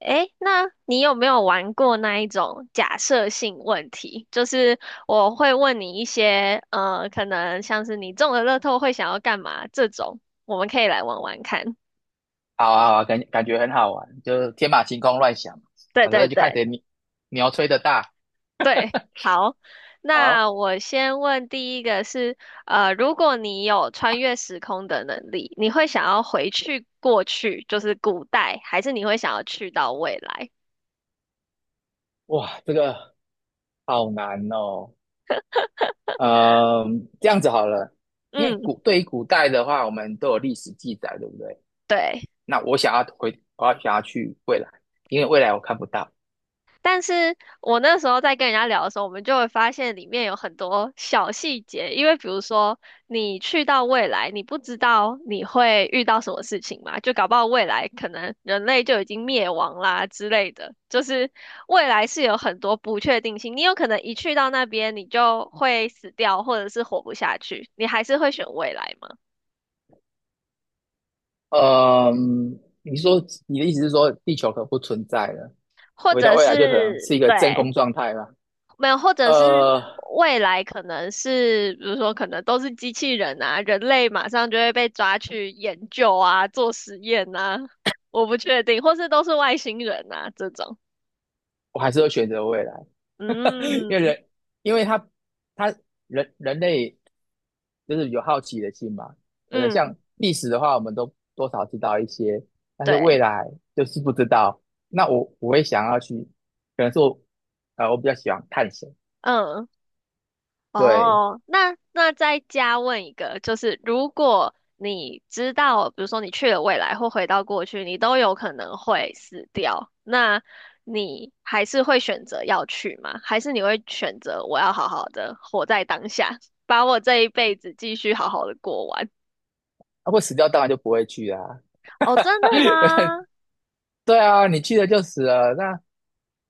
诶，那你有没有玩过那一种假设性问题？就是我会问你一些，可能像是你中了乐透会想要干嘛这种，我们可以来玩玩看。好啊，好啊，感觉很好玩，就是天马行空乱想，对反对正就看对谁牛牛吹的大。对，好。那好，我先问第一个是，如果你有穿越时空的能力，你会想要回去过去，就是古代，还是你会想要去到未来？哇，这个好难哦。嗯，这样子好了，因为嗯，对于古代的话，我们都有历史记载，对不对？对。那我想要回，我想要去未来，因为未来我看不到。但是我那时候在跟人家聊的时候，我们就会发现里面有很多小细节，因为比如说你去到未来，你不知道你会遇到什么事情嘛，就搞不好未来可能人类就已经灭亡啦之类的，就是未来是有很多不确定性，你有可能一去到那边你就会死掉，或者是活不下去，你还是会选未来吗？嗯，你说你的意思是说地球可不存在了，或回到者未来就可能是是一个真对。空状态了。没有，或者是呃，未来可能是，比如说可能都是机器人啊，人类马上就会被抓去研究啊，做实验啊，我不确定，或是都是外星人啊这种。我还是会选择未来，因为嗯人，因为他人类就是有好奇的心嘛，对不对？嗯，像历史的话，我们都多少知道一些，但是未对，来就是不知道。那我会想要去，可能是我我比较喜欢探险，嗯。对。哦，那那再加问一个，就是如果你知道，比如说你去了未来或回到过去，你都有可能会死掉，那你还是会选择要去吗？还是你会选择我要好好的活在当下，把我这一辈子继续好好的过完？啊，会死掉当然就不会去啦、啊。 哦，真的吗？对啊，你去了就死了，那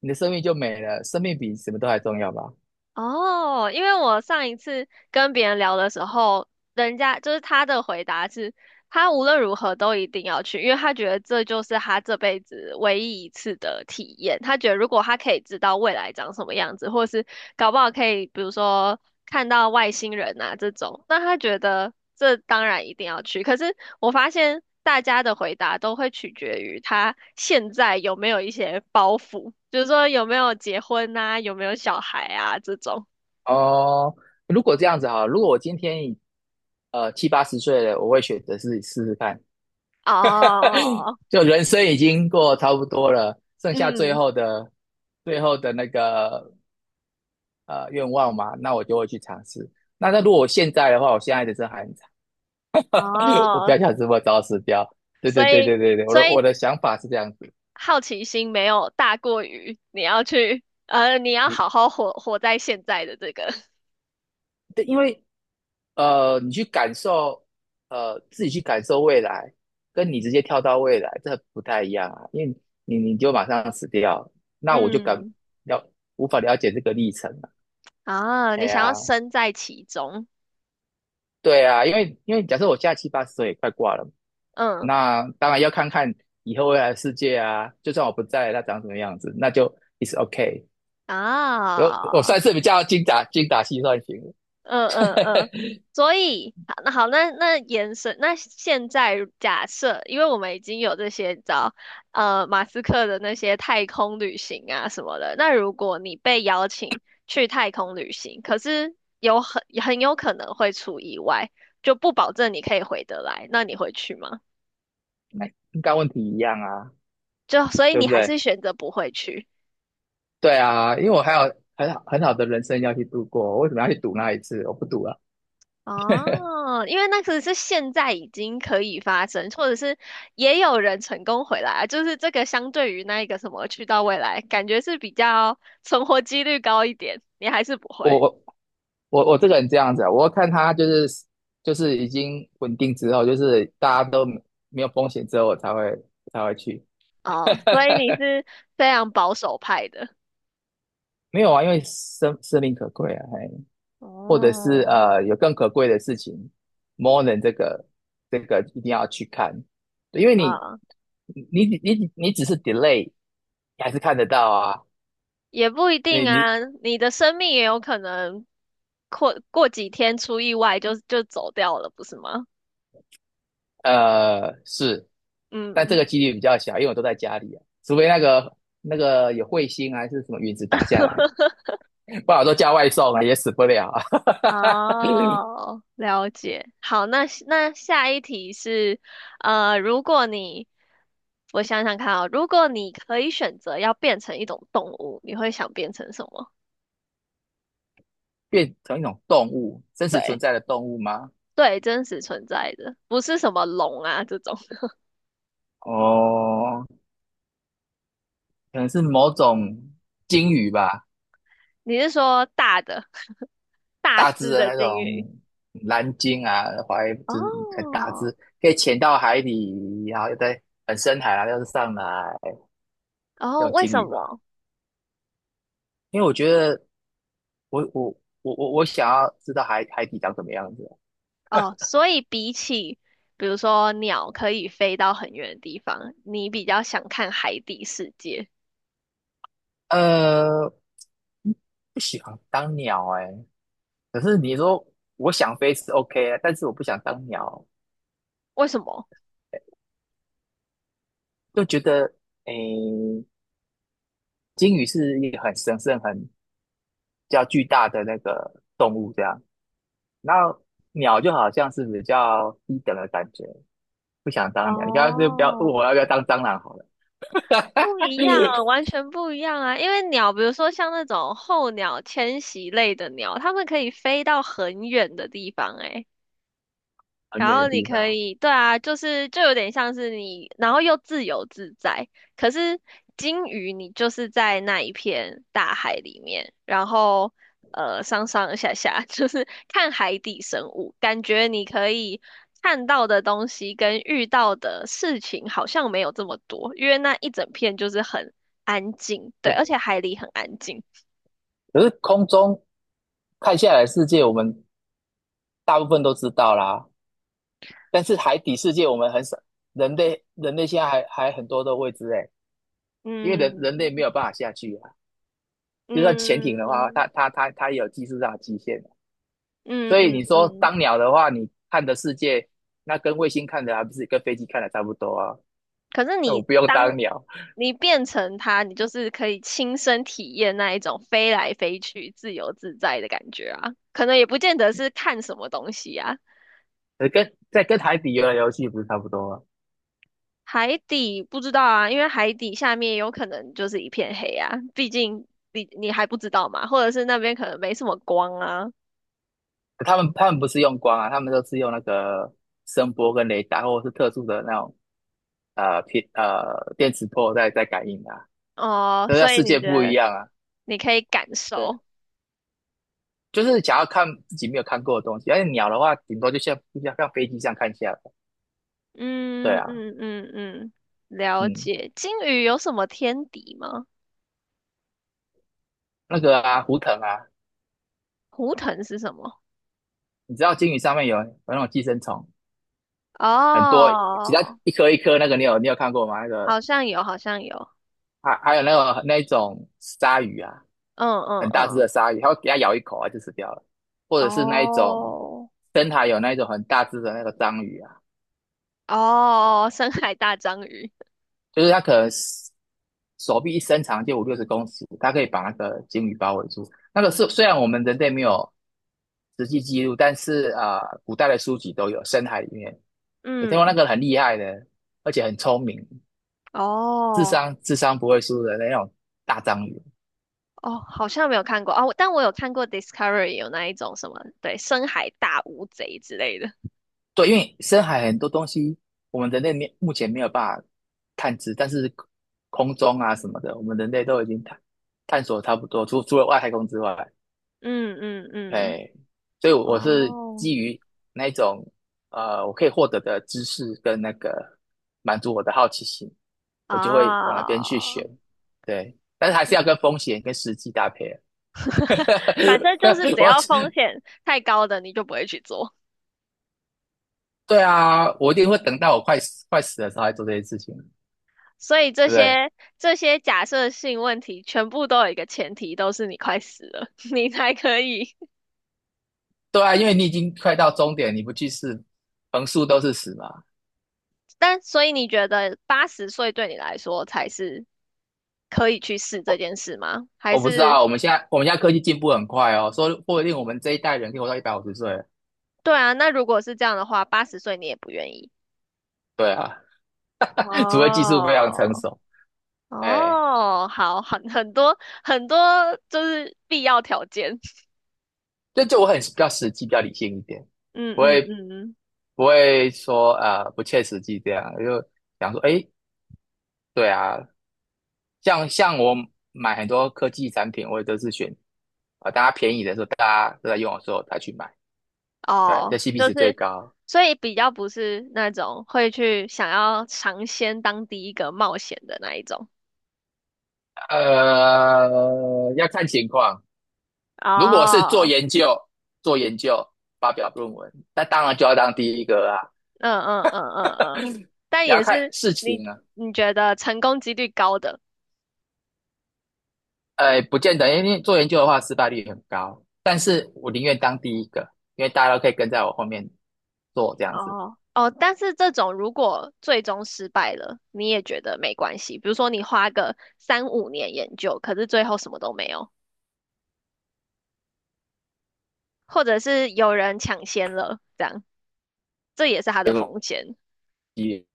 你的生命就没了，生命比什么都还重要吧？哦，因为我上一次跟别人聊的时候，人家就是他的回答是。他无论如何都一定要去，因为他觉得这就是他这辈子唯一一次的体验。他觉得如果他可以知道未来长什么样子，或是搞不好可以，比如说看到外星人啊这种，那他觉得这当然一定要去。可是我发现大家的回答都会取决于他现在有没有一些包袱，就是说有没有结婚啊，有没有小孩啊这种。哦，如果这样子哈，如果我今天七八十岁了，我会选择是试试看。哦，就人生已经过差不多了，剩下嗯，最后的那个愿望嘛，那我就会去尝试。那如果我现在的话，我现在的真还很惨，我不哦，要想这么早死掉。对对所对以。对对对，我所的我以的想法是这样子，好奇心没有大过于你要去，你要你好好活在现在的这个 对，因为你去感受自己去感受未来，跟你直接跳到未来这不太一样啊，因为你就马上死掉，那我就嗯，了无法了解这个历程了。啊，哎你想要呀，身在其中，对啊，因为假设我现在七八十岁也快挂了，嗯那当然要看看以后未来的世界啊。就算我不在了，它长什么样子，那就 is t o k a。 我啊。算是比较精打细算型嗯嗯的，嗯，所以好，那好，那那延伸，那现在假设，因为我们已经有这些，你知道马斯克的那些太空旅行啊什么的，那如果你被邀请去太空旅行，可是有很有可能会出意外，就不保证你可以回得来，那你会去吗？那应该问题一样啊，就所以对你不还是对？选择不会去。对啊，因为我还有很好的人生要去度过，我为什么要去赌那一次？我不赌了，哦，因为那个是现在已经可以发生，或者是也有人成功回来啊，就是这个相对于那一个什么去到未来，感觉是比较存活几率高一点，你还是不会我我我这个人这样子啊，我看他就是已经稳定之后，就是大家都没有风险之后，我才会才会去。哦，所以你是非常保守派的没有啊，因为生命可贵啊，嘿，或者是哦，有更可贵的事情，more than 这个一定要去看，对因为你啊，你你你只是 delay,你还是看得到啊，也不一你定你啊，你的生命也有可能过几天出意外就走掉了，不是吗？是，但这嗯。个几率比较小，因为我都在家里啊，除非那个有彗星啊，还是什么陨石打下来，不好我都叫外送啊，也死不了啊。哦，了解。好，那那下一题是，如果你，我想想看啊，如果你可以选择要变成一种动物，你会想变成什么？变成一种动物，真实存对，在的动物吗？对，真实存在的，不是什么龙啊这种。哦，可能是某种鲸鱼吧，你是说大的、大大只只的的那鲸鱼？种蓝鲸啊，怀就是很大只，哦，可以潜到海底，然后又在很深海啊，又是上来然那后种为鲸什鱼吧。么？因为我觉得我我我我想要知道海底长什么样子哦，所以比起比如说鸟可以飞到很远的地方，你比较想看海底世界，啊。不喜欢当鸟哎、可是你说我想飞是 OK 啊，但是我不想当鸟，为什么？就觉得诶，鲸鱼是一个很神圣、很比较巨大的那个动物，这样。那鸟就好像是比较低等的感觉，不想当鸟。你刚刚就不要问我要哦，不要当蟑螂好了。不一样啊，完全不一样啊！因为鸟，比如说像那种候鸟、迁徙类的鸟，它们可以飞到很远的地方、欸，很然远的后你地可方。以，对啊，就是就有点像是你，然后又自由自在。可是鲸鱼，你就是在那一片大海里面，然后上上下下，就是看海底生物，感觉你可以看到的东西跟遇到的事情好像没有这么多，因为那一整片就是很安静，对，而呃且海里很安静。可是空中看下来的世界，我们大部分都知道啦。但是海底世界，我们很少。人类现在还很多的未知哎，因为人类没有办嗯法下去啊。就算潜艇的话，嗯它也有技术上的极限啊。嗯所以你嗯说嗯，当鸟的话，你看的世界，那跟卫星看的还不是跟飞机看的差不多啊？可是那我你不用当当鸟。你变成它，你就是可以亲身体验那一种飞来飞去、自由自在的感觉啊。可能也不见得是看什么东西啊。呃，跟在跟海底游的游戏不是差不多吗？海底不知道啊，因为海底下面有可能就是一片黑啊，毕竟你还不知道嘛，或者是那边可能没什么光啊。他们不是用光啊，他们都是用那个声波跟雷达，或者是特殊的那种电磁波在在感应的啊。哦，那在所以世你界觉不一得样啊，你可以感对，受？就是想要看自己没有看过的东西。而且鸟的话，顶多像飞机上看下来，对嗯啊。嗯嗯嗯，了嗯，解。鲸鱼有什么天敌吗？那个啊，胡腾啊，胡腾是什么？你知道鲸鱼上面有那种寄生虫，很多，其他哦，一颗一颗那个你有看过吗？那个好像有，好像有。还有那个那种鲨鱼啊。嗯嗯很大只嗯，的鲨鱼，它会给它咬一口啊就死掉了，或者是那一种哦深海有那一种很大只的那个章鱼啊，哦，深海大章鱼，就是它可能手臂一伸长就5、60公尺，它可以把那个鲸鱼包围住。那个是虽然我们人类没有实际记录，但是啊、呃古代的书籍都有深海里面有听过那嗯，个很厉害的，而且很聪明，哦智商不会输的那种大章鱼。哦，好像没有看过哦，但我有看过 Discovery 有那一种什么，对，深海大乌贼之类的。对，因为深海很多东西，我们人类没目前没有办法探知，但是空中啊什么的，我们人类都已经探索差不多，除了外太空之外，嗯嗯嗯，哎，所以我是哦，基于那一种我可以获得的知识跟那个满足我的好奇心，我就会往那边去啊，选，对，但是还是要跟风险跟时机搭配啊。反正就是只要风我险太高的，你就不会去做。对啊，我一定会等到我快死的时候来做这些事情，所以这对不对？些这些假设性问题，全部都有一个前提，都是你快死了，你才可以对啊，因为你已经快到终点，你不去试，横竖都是死嘛。但所以你觉得八十岁对你来说才是可以去试这件事吗？还我不知是道，我们现在科技进步很快哦，说不定我们这一代人可以活到150岁了。对啊？那如果是这样的话，八十岁你也不愿意？对啊。除非技术非常成哦，熟。哎，哦，好，很很多很多就是必要条件。这就我很比较实际，比较理性一点，嗯不嗯会嗯，嗯不会说呃不切实际这样，就想说哎，对啊，像我买很多科技产品，我也都是选啊、呃大家便宜的时候，大家都在用的时候才去买，对，哦，这 CP 就值最是高。所以比较不是那种会去想要尝鲜当第一个冒险的那一种。呃，要看情况。如果是做哦，研究，做研究发表论文，那当然就要当第一个啊。嗯嗯嗯嗯嗯，但你要也看是事你情啊，你觉得成功几率高的呃，不见得，因为做研究的话失败率很高。但是我宁愿当第一个，因为大家都可以跟在我后面做这样子，哦哦，但是这种如果最终失败了，你也觉得没关系。比如说你花个3、5年研究，可是最后什么都没有，或者是有人抢先了，这样这也是它的结果风险也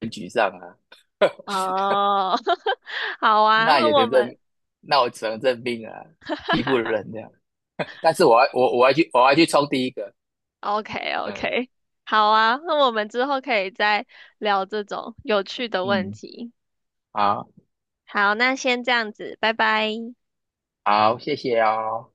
很沮丧啊。哦。好啊，那那也我能们 认，那我只能认命啊，技不如人这样。但是我我要去冲第一个，OK 嗯 OK，好啊，那我们之后可以再聊这种有趣的问嗯，题。好好，那先这样子，拜拜。好，谢谢哦。